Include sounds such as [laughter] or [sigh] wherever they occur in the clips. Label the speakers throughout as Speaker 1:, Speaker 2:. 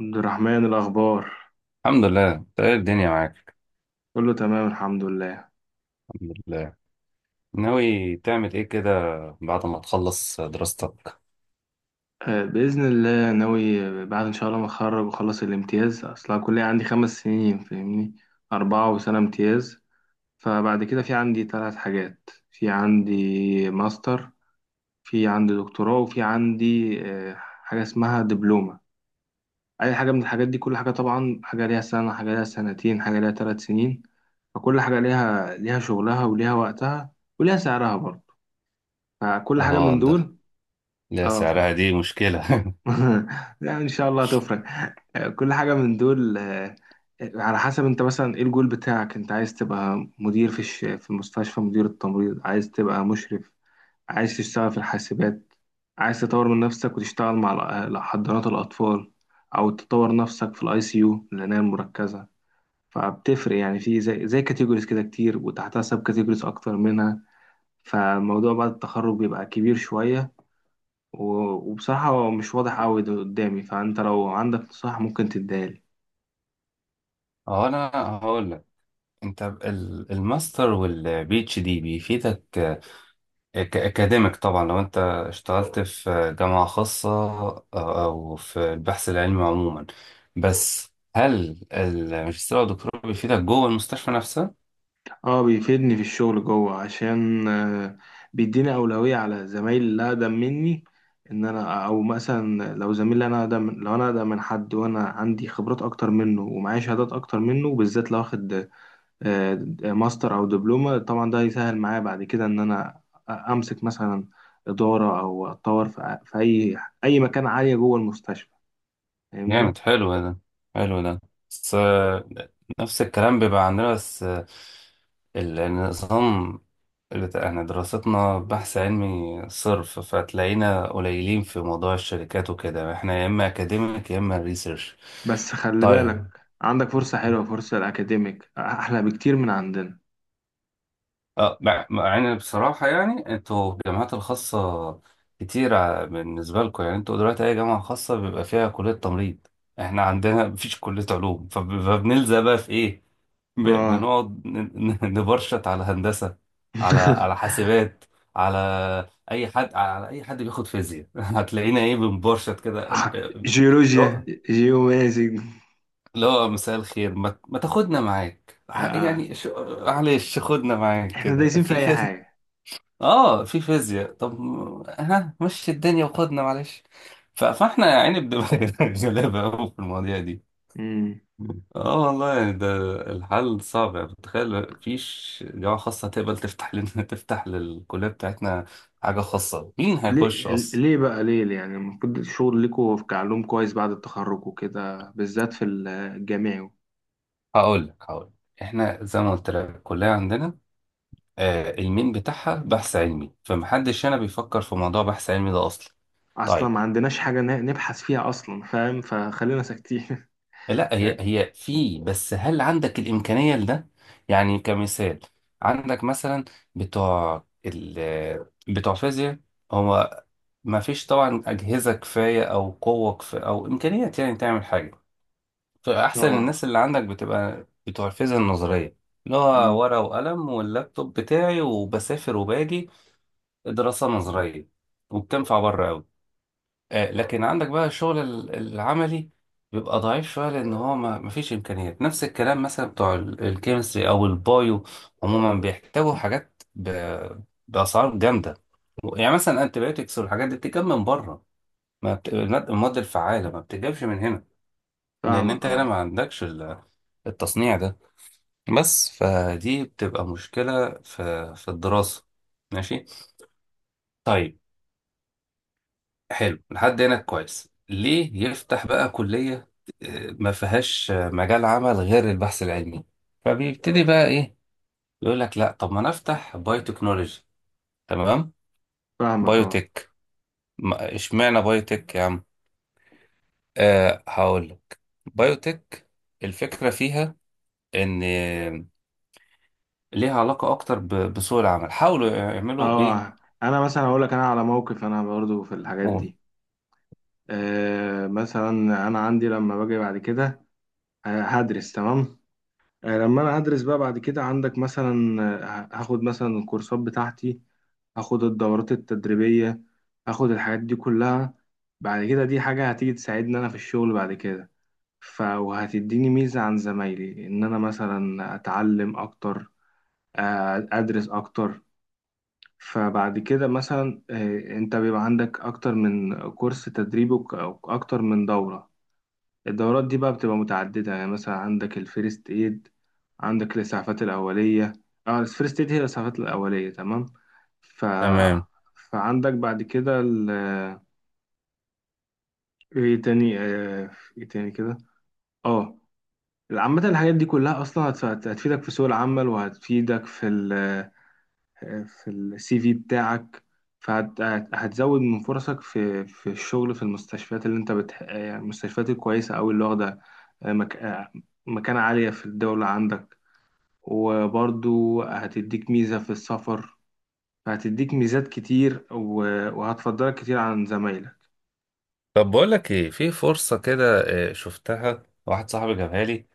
Speaker 1: عبد الرحمن الأخبار.
Speaker 2: الحمد لله. انت ايه الدنيا معاك؟
Speaker 1: كله تمام، الحمد لله.
Speaker 2: الحمد لله. ناوي تعمل ايه كده بعد ما تخلص دراستك؟
Speaker 1: بإذن الله ناوي. بعد إن شاء الله ما أتخرج وأخلص الامتياز، أصل أنا الكلية عندي 5 سنين، فاهمني؟ 4 وسنة امتياز. فبعد كده في عندي 3 حاجات، في عندي ماستر، في عندي دكتوراه، وفي عندي حاجة اسمها دبلومة. أي حاجة من الحاجات دي، كل حاجة طبعا، حاجة ليها 1 سنة، حاجة ليها 2 سنة، حاجة ليها 3 سنين. فكل حاجة ليها شغلها وليها وقتها، وليها سعرها برضه. فكل حاجة
Speaker 2: اه
Speaker 1: من
Speaker 2: ده،
Speaker 1: دول
Speaker 2: لا
Speaker 1: اه.
Speaker 2: سعرها دي مشكلة.
Speaker 1: [laughs] لا ان شاء الله هتفرق. كل حاجه من دول، على حسب انت مثلا ايه الجول بتاعك. انت عايز تبقى مدير في المستشفى، مدير التمريض، عايز تبقى مشرف، عايز تشتغل في الحاسبات، عايز تطور من نفسك وتشتغل مع حضانات الاطفال، او تطور نفسك في الاي سي يو، العنايه المركزه. فبتفرق يعني، في زي كاتيجوريز كده كتير، وتحتها سب كاتيجوريز اكتر منها. فالموضوع بعد التخرج بيبقى كبير شويه، وبصراحة هو مش واضح أوي ده قدامي، فأنت لو عندك نصيحة ممكن تديهالي.
Speaker 2: [laughs] اه انا هقول لك. انت الماستر والبي اتش دي بيفيدك كاكاديميك طبعا، لو انت اشتغلت في جامعة خاصة او في البحث العلمي عموما. بس هل الماجستير او الدكتوراه بيفيدك جوه المستشفى نفسها؟
Speaker 1: اه بيفيدني في الشغل جوه، عشان بيديني أولوية على زمايلي اللي أقدم مني. إن أنا أو مثلا لو زميلي، أنا أقدم، لو أنا أقدم من حد وأنا عندي خبرات أكتر منه ومعايا شهادات أكتر منه، بالذات لو واخد آه، ماستر أو دبلومة، طبعا ده هيسهل معايا بعد كده إن أنا أمسك مثلا إدارة، أو أتطور في أي مكان عالية جوه المستشفى. فاهمني؟
Speaker 2: جامد، حلو ده، حلو ده. بس نفس الكلام بيبقى عندنا. بس النظام احنا دراستنا بحث علمي صرف، فتلاقينا قليلين في موضوع الشركات وكده. احنا يا اما اكاديميك يا اما ريسيرش.
Speaker 1: بس خلي بالك،
Speaker 2: طيب.
Speaker 1: عندك فرصة حلوة، فرصة الأكاديميك أحلى بكتير من عندنا.
Speaker 2: اه، مع ان بصراحة يعني انتوا الجامعات الخاصة كتيرة بالنسبة لكم. يعني انتوا دلوقتي اي جامعة خاصة بيبقى فيها كلية تمريض. احنا عندنا مفيش كلية علوم، فبنلزق بقى في ايه،
Speaker 1: آه.
Speaker 2: بنقعد نبرشط على هندسة، على على
Speaker 1: [laughs]
Speaker 2: حاسبات، على اي حد، على اي حد بياخد فيزياء. [laughs] هتلاقينا ايه، بنبرشط كده.
Speaker 1: جيولوجيا.
Speaker 2: لا،
Speaker 1: جيومازي.
Speaker 2: لا مساء الخير، ما تاخدنا معاك،
Speaker 1: آه.
Speaker 2: يعني معلش خدنا معاك
Speaker 1: إحنا
Speaker 2: كده
Speaker 1: دايسين في
Speaker 2: في
Speaker 1: أي
Speaker 2: في
Speaker 1: حاجة.
Speaker 2: اه في فيزياء طب، ها مشي الدنيا وخدنا معلش. فاحنا يا عيني بنبقى [laughs] غلابة أوي في المواضيع دي.
Speaker 1: مم.
Speaker 2: اه والله يعني ده الحل صعب. يعني بتخيل مفيش جامعة خاصة هتقبل تفتح لنا [laughs] تفتح للكلية بتاعتنا حاجة خاصة. مين
Speaker 1: ليه؟
Speaker 2: هيخش أصلا؟
Speaker 1: ليه بقى ليه ليه؟ يعني المفروض الشغل ليكوا في كعلوم كويس بعد التخرج وكده، بالذات في الجامعي.
Speaker 2: هقول لك، هقول لك. احنا زي ما قلت لك، الكلية عندنا آه المين بتاعها بحث علمي، فمحدش هنا بيفكر في موضوع بحث علمي ده أصلا.
Speaker 1: أصلا
Speaker 2: طيب.
Speaker 1: ما عندناش حاجة نبحث فيها أصلا، فاهم؟ فخلينا ساكتين.
Speaker 2: لا هي
Speaker 1: [laughs]
Speaker 2: هي في، بس هل عندك الإمكانية لده؟ يعني كمثال، عندك مثلا بتوع ال بتوع فيزياء، هو ما فيش طبعا أجهزة كفاية أو قوة كفاية أو إمكانيات يعني تعمل حاجة. فأحسن الناس
Speaker 1: آه.
Speaker 2: اللي عندك بتبقى بتوع الفيزياء النظرية، اللي هو
Speaker 1: مم.
Speaker 2: ورقة وقلم واللابتوب بتاعي وبسافر وباجي، دراسة نظرية، وبتنفع بره أوي. لكن عندك بقى الشغل العملي بيبقى ضعيف شوية، لأن هو ما فيش إمكانيات. نفس الكلام مثلا بتوع الكيمستري أو البايو عموما، بيحتاجوا حاجات بأسعار جامدة. يعني مثلا أنتيبيوتكس والحاجات دي بتجيب من بره. ما بت... الماد المواد الفعالة ما بتجيبش من هنا، لأن
Speaker 1: فاهمك
Speaker 2: أنت هنا
Speaker 1: آه.
Speaker 2: ما عندكش التصنيع ده. بس فدي بتبقى مشكلة في في الدراسة. ماشي، طيب. حلو، لحد هنا كويس. ليه يفتح بقى كلية ما فيهاش مجال عمل غير البحث العلمي؟ فبيبتدي بقى ايه، يقول لك لا طب ما انا افتح بايو تكنولوجي. تمام.
Speaker 1: فاهمك آه.
Speaker 2: بايوتك. ما- اشمعنى بايوتك يا عم؟ أه هقول لك. بايوتك الفكرة فيها ان ليها علاقة اكتر بسوق العمل، حاولوا يعملوا ايه.
Speaker 1: اه انا مثلا اقول لك، انا على موقف انا برضو في الحاجات
Speaker 2: قول.
Speaker 1: دي. آه مثلا، انا عندي لما باجي بعد كده، آه هدرس تمام. آه لما انا هدرس بقى بعد كده، عندك مثلا، هاخد مثلا الكورسات بتاعتي، هاخد الدورات التدريبية، هاخد الحاجات دي كلها. بعد كده دي حاجة هتيجي تساعدني انا في الشغل بعد كده. ف وهتديني ميزة عن زمايلي، ان انا مثلا اتعلم اكتر، ادرس اكتر. فبعد كده مثلا، انت بيبقى عندك اكتر من كورس تدريب، او اكتر من دورة. الدورات دي بقى بتبقى متعددة، يعني مثلا عندك الفيرست ايد، عندك الاسعافات الاولية. اه الفيرست ايد هي الاسعافات الاولية، تمام. ف...
Speaker 2: تمام.
Speaker 1: فعندك بعد كده ال... ايه تاني ايه تاني كده؟ اه عامة الحاجات دي كلها اصلا هتفيدك في سوق العمل، وهتفيدك في ال... في السي في بتاعك. فهتزود من فرصك في الشغل، في المستشفيات اللي انت المستشفيات الكويسة أوي اللي واخدة، آه، مك... آه، مكانة عالية في الدولة عندك. وبرضو هتديك ميزة في السفر، فهتديك ميزات كتير و... وهتفضلك كتير عن زمايلك.
Speaker 2: طب بقول لك ايه، في فرصة كده شفتها، واحد صاحبي جابها لي،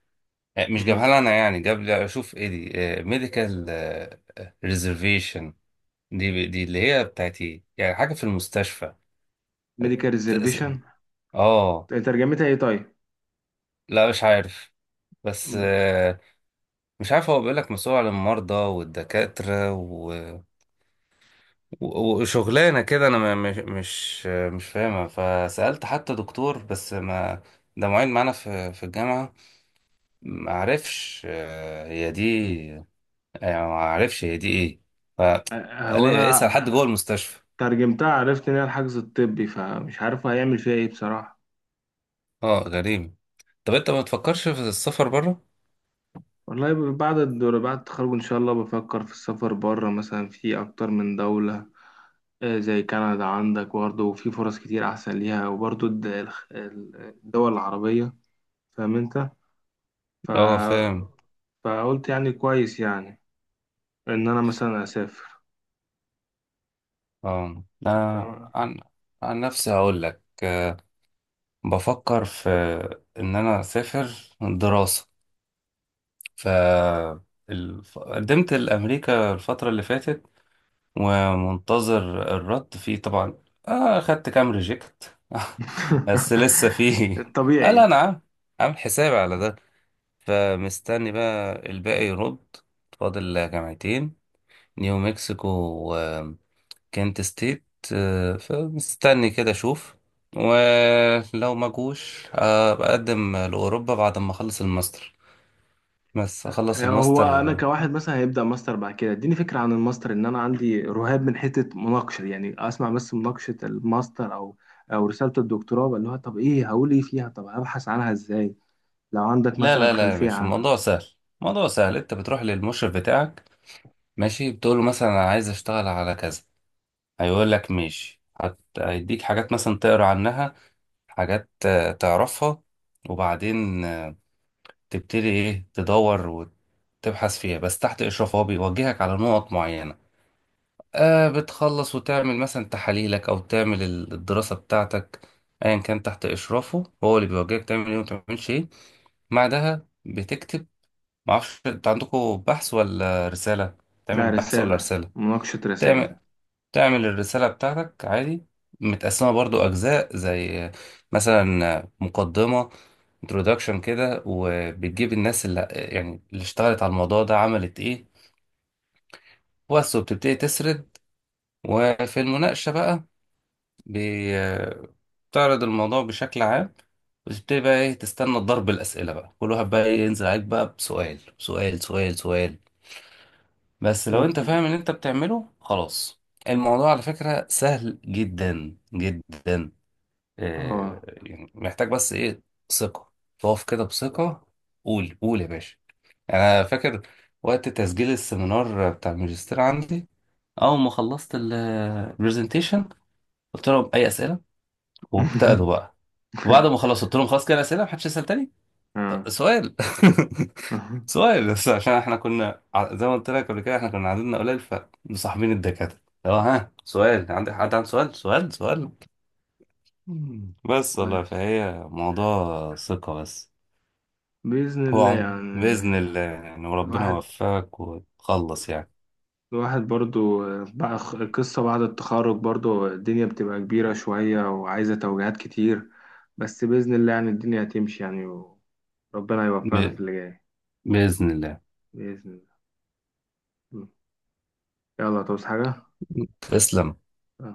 Speaker 2: مش جابها لي انا يعني، جاب لي اشوف ايه دي، ميديكال ريزرفيشن. دي دي اللي هي بتاعت ايه يعني، حاجه في المستشفى.
Speaker 1: ميديكال
Speaker 2: تأس-
Speaker 1: ريزرفيشن؟
Speaker 2: اه،
Speaker 1: ترجمتها ايه طيب؟
Speaker 2: لا مش عارف. بس
Speaker 1: مم.
Speaker 2: مش عارف، هو بيقول لك مسؤول عن المرضى والدكاتره وشغلانه كده. انا مش مش فاهمها. فسالت حتى دكتور، بس ما، ده معيد معانا في في الجامعه، ما عرفش هي دي يعني، ما عرفش هي دي ايه. قال
Speaker 1: هو
Speaker 2: لي اسأل حد
Speaker 1: انا
Speaker 2: جوه المستشفى.
Speaker 1: ترجمتها عرفت ان هي الحجز الطبي، فمش عارف هيعمل فيها ايه بصراحة.
Speaker 2: اه غريب. طب انت ما تفكرش في السفر بره؟
Speaker 1: والله بعد الدور، بعد التخرج إن شاء الله بفكر في السفر بره، مثلا في أكتر من دولة، زي كندا عندك برضه، وفي فرص كتير أحسن ليها، وبرضه الدول العربية، فاهم أنت؟ ف...
Speaker 2: اه فاهم.
Speaker 1: فقلت يعني كويس يعني إن أنا مثلا أسافر.
Speaker 2: اه انا
Speaker 1: تمام.
Speaker 2: عن عن نفسي هقول لك بفكر في ان انا اسافر دراسة. ف قدمت لامريكا الفترة اللي فاتت، ومنتظر الرد فيه طبعا. آه خدت كام ريجكت. [laughs] بس
Speaker 1: [laughs]
Speaker 2: لسه فيه، قال
Speaker 1: الطبيعي.
Speaker 2: انا عامل، عامل حسابي على ده، فمستني بقى الباقي يرد. فاضل جامعتين، نيو مكسيكو وكنت ستيت. فمستني كده اشوف، ولو ما جوش بقدم لأوروبا بعد ما اخلص الماستر. بس اخلص
Speaker 1: هو انا
Speaker 2: الماستر.
Speaker 1: كواحد مثلا هيبدا ماستر بعد كده، اديني فكره عن الماستر. ان انا عندي رهاب من حته مناقشه، يعني اسمع بس مناقشه الماستر او او رساله الدكتوراه، اللي هو طب ايه هقول ايه فيها، طب ابحث عنها ازاي؟ لو عندك
Speaker 2: لا
Speaker 1: مثلا
Speaker 2: لا لا يا
Speaker 1: خلفيه
Speaker 2: باشا،
Speaker 1: عنها.
Speaker 2: الموضوع سهل، الموضوع سهل. انت بتروح للمشرف بتاعك، ماشي، بتقول له مثلا انا عايز اشتغل على كذا. هيقول لك ماشي، هيديك حاجات مثلا تقرا عنها، حاجات تعرفها. وبعدين تبتدي ايه تدور وتبحث فيها، بس تحت اشراف، هو بيوجهك على نقط معينه. آه بتخلص وتعمل مثلا تحاليلك، او تعمل الدراسه بتاعتك، ايا كان، تحت اشرافه هو اللي بيوجهك تعمل ايه وما تعملش ايه. بعدها بتكتب. معرفش انت عندكم بحث ولا رساله،
Speaker 1: لا
Speaker 2: تعمل بحث ولا
Speaker 1: رساله،
Speaker 2: رساله.
Speaker 1: مناقشه رسائل.
Speaker 2: تعمل، تعمل الرسالة بتاعتك عادي، متقسمة برضو أجزاء زي مثلا مقدمة، introduction كده، وبتجيب الناس اللي يعني اللي اشتغلت على الموضوع ده عملت ايه بس، وبتبتدي تسرد. وفي المناقشة بقى، بي- بتعرض الموضوع بشكل عام، وتبتدي بقى ايه تستنى ضرب الأسئلة بقى، كل واحد بقى إيه ينزل عليك بقى بسؤال سؤال سؤال سؤال. بس لو انت
Speaker 1: ممكن.
Speaker 2: فاهم اللي انت بتعمله خلاص، الموضوع على فكرة سهل جدا جدا. آه،
Speaker 1: اه.
Speaker 2: يعني محتاج بس ايه، ثقة، تقف كده بثقة. قول قول يا باشا. انا فاكر وقت تسجيل السيمينار بتاع الماجستير عندي، اول ما خلصت البرزنتيشن قلت لهم اي اسئله، وابتدوا
Speaker 1: [laughs]
Speaker 2: بقى. وبعد ما خلصت قلت لهم خلاص كده اسئله، محدش يسال تاني.
Speaker 1: آه.
Speaker 2: طب سؤال. [laughs]
Speaker 1: [laughs]
Speaker 2: سؤال بس عشان احنا كنا زي ما قلت لك قبل كده، احنا كنا عددنا قليل فمصاحبين الدكاتره، لو ها سؤال، عندك حد عنده سؤال سؤال سؤال. بس والله
Speaker 1: كويس.
Speaker 2: فهي موضوع ثقة بس.
Speaker 1: بإذن الله
Speaker 2: وعم بإذن
Speaker 1: يعني.
Speaker 2: الله يعني، وربنا
Speaker 1: الواحد،
Speaker 2: يوفقك وتخلص يعني.
Speaker 1: الواحد برضو بقى القصة بعد التخرج برضو الدنيا بتبقى كبيرة شوية، وعايزة توجيهات كتير، بس بإذن الله يعني الدنيا هتمشي يعني، وربنا يوفقنا في
Speaker 2: ب...
Speaker 1: اللي جاي.
Speaker 2: بإذن الله.
Speaker 1: بإذن الله. يلا، توصي حاجة؟
Speaker 2: تسلم.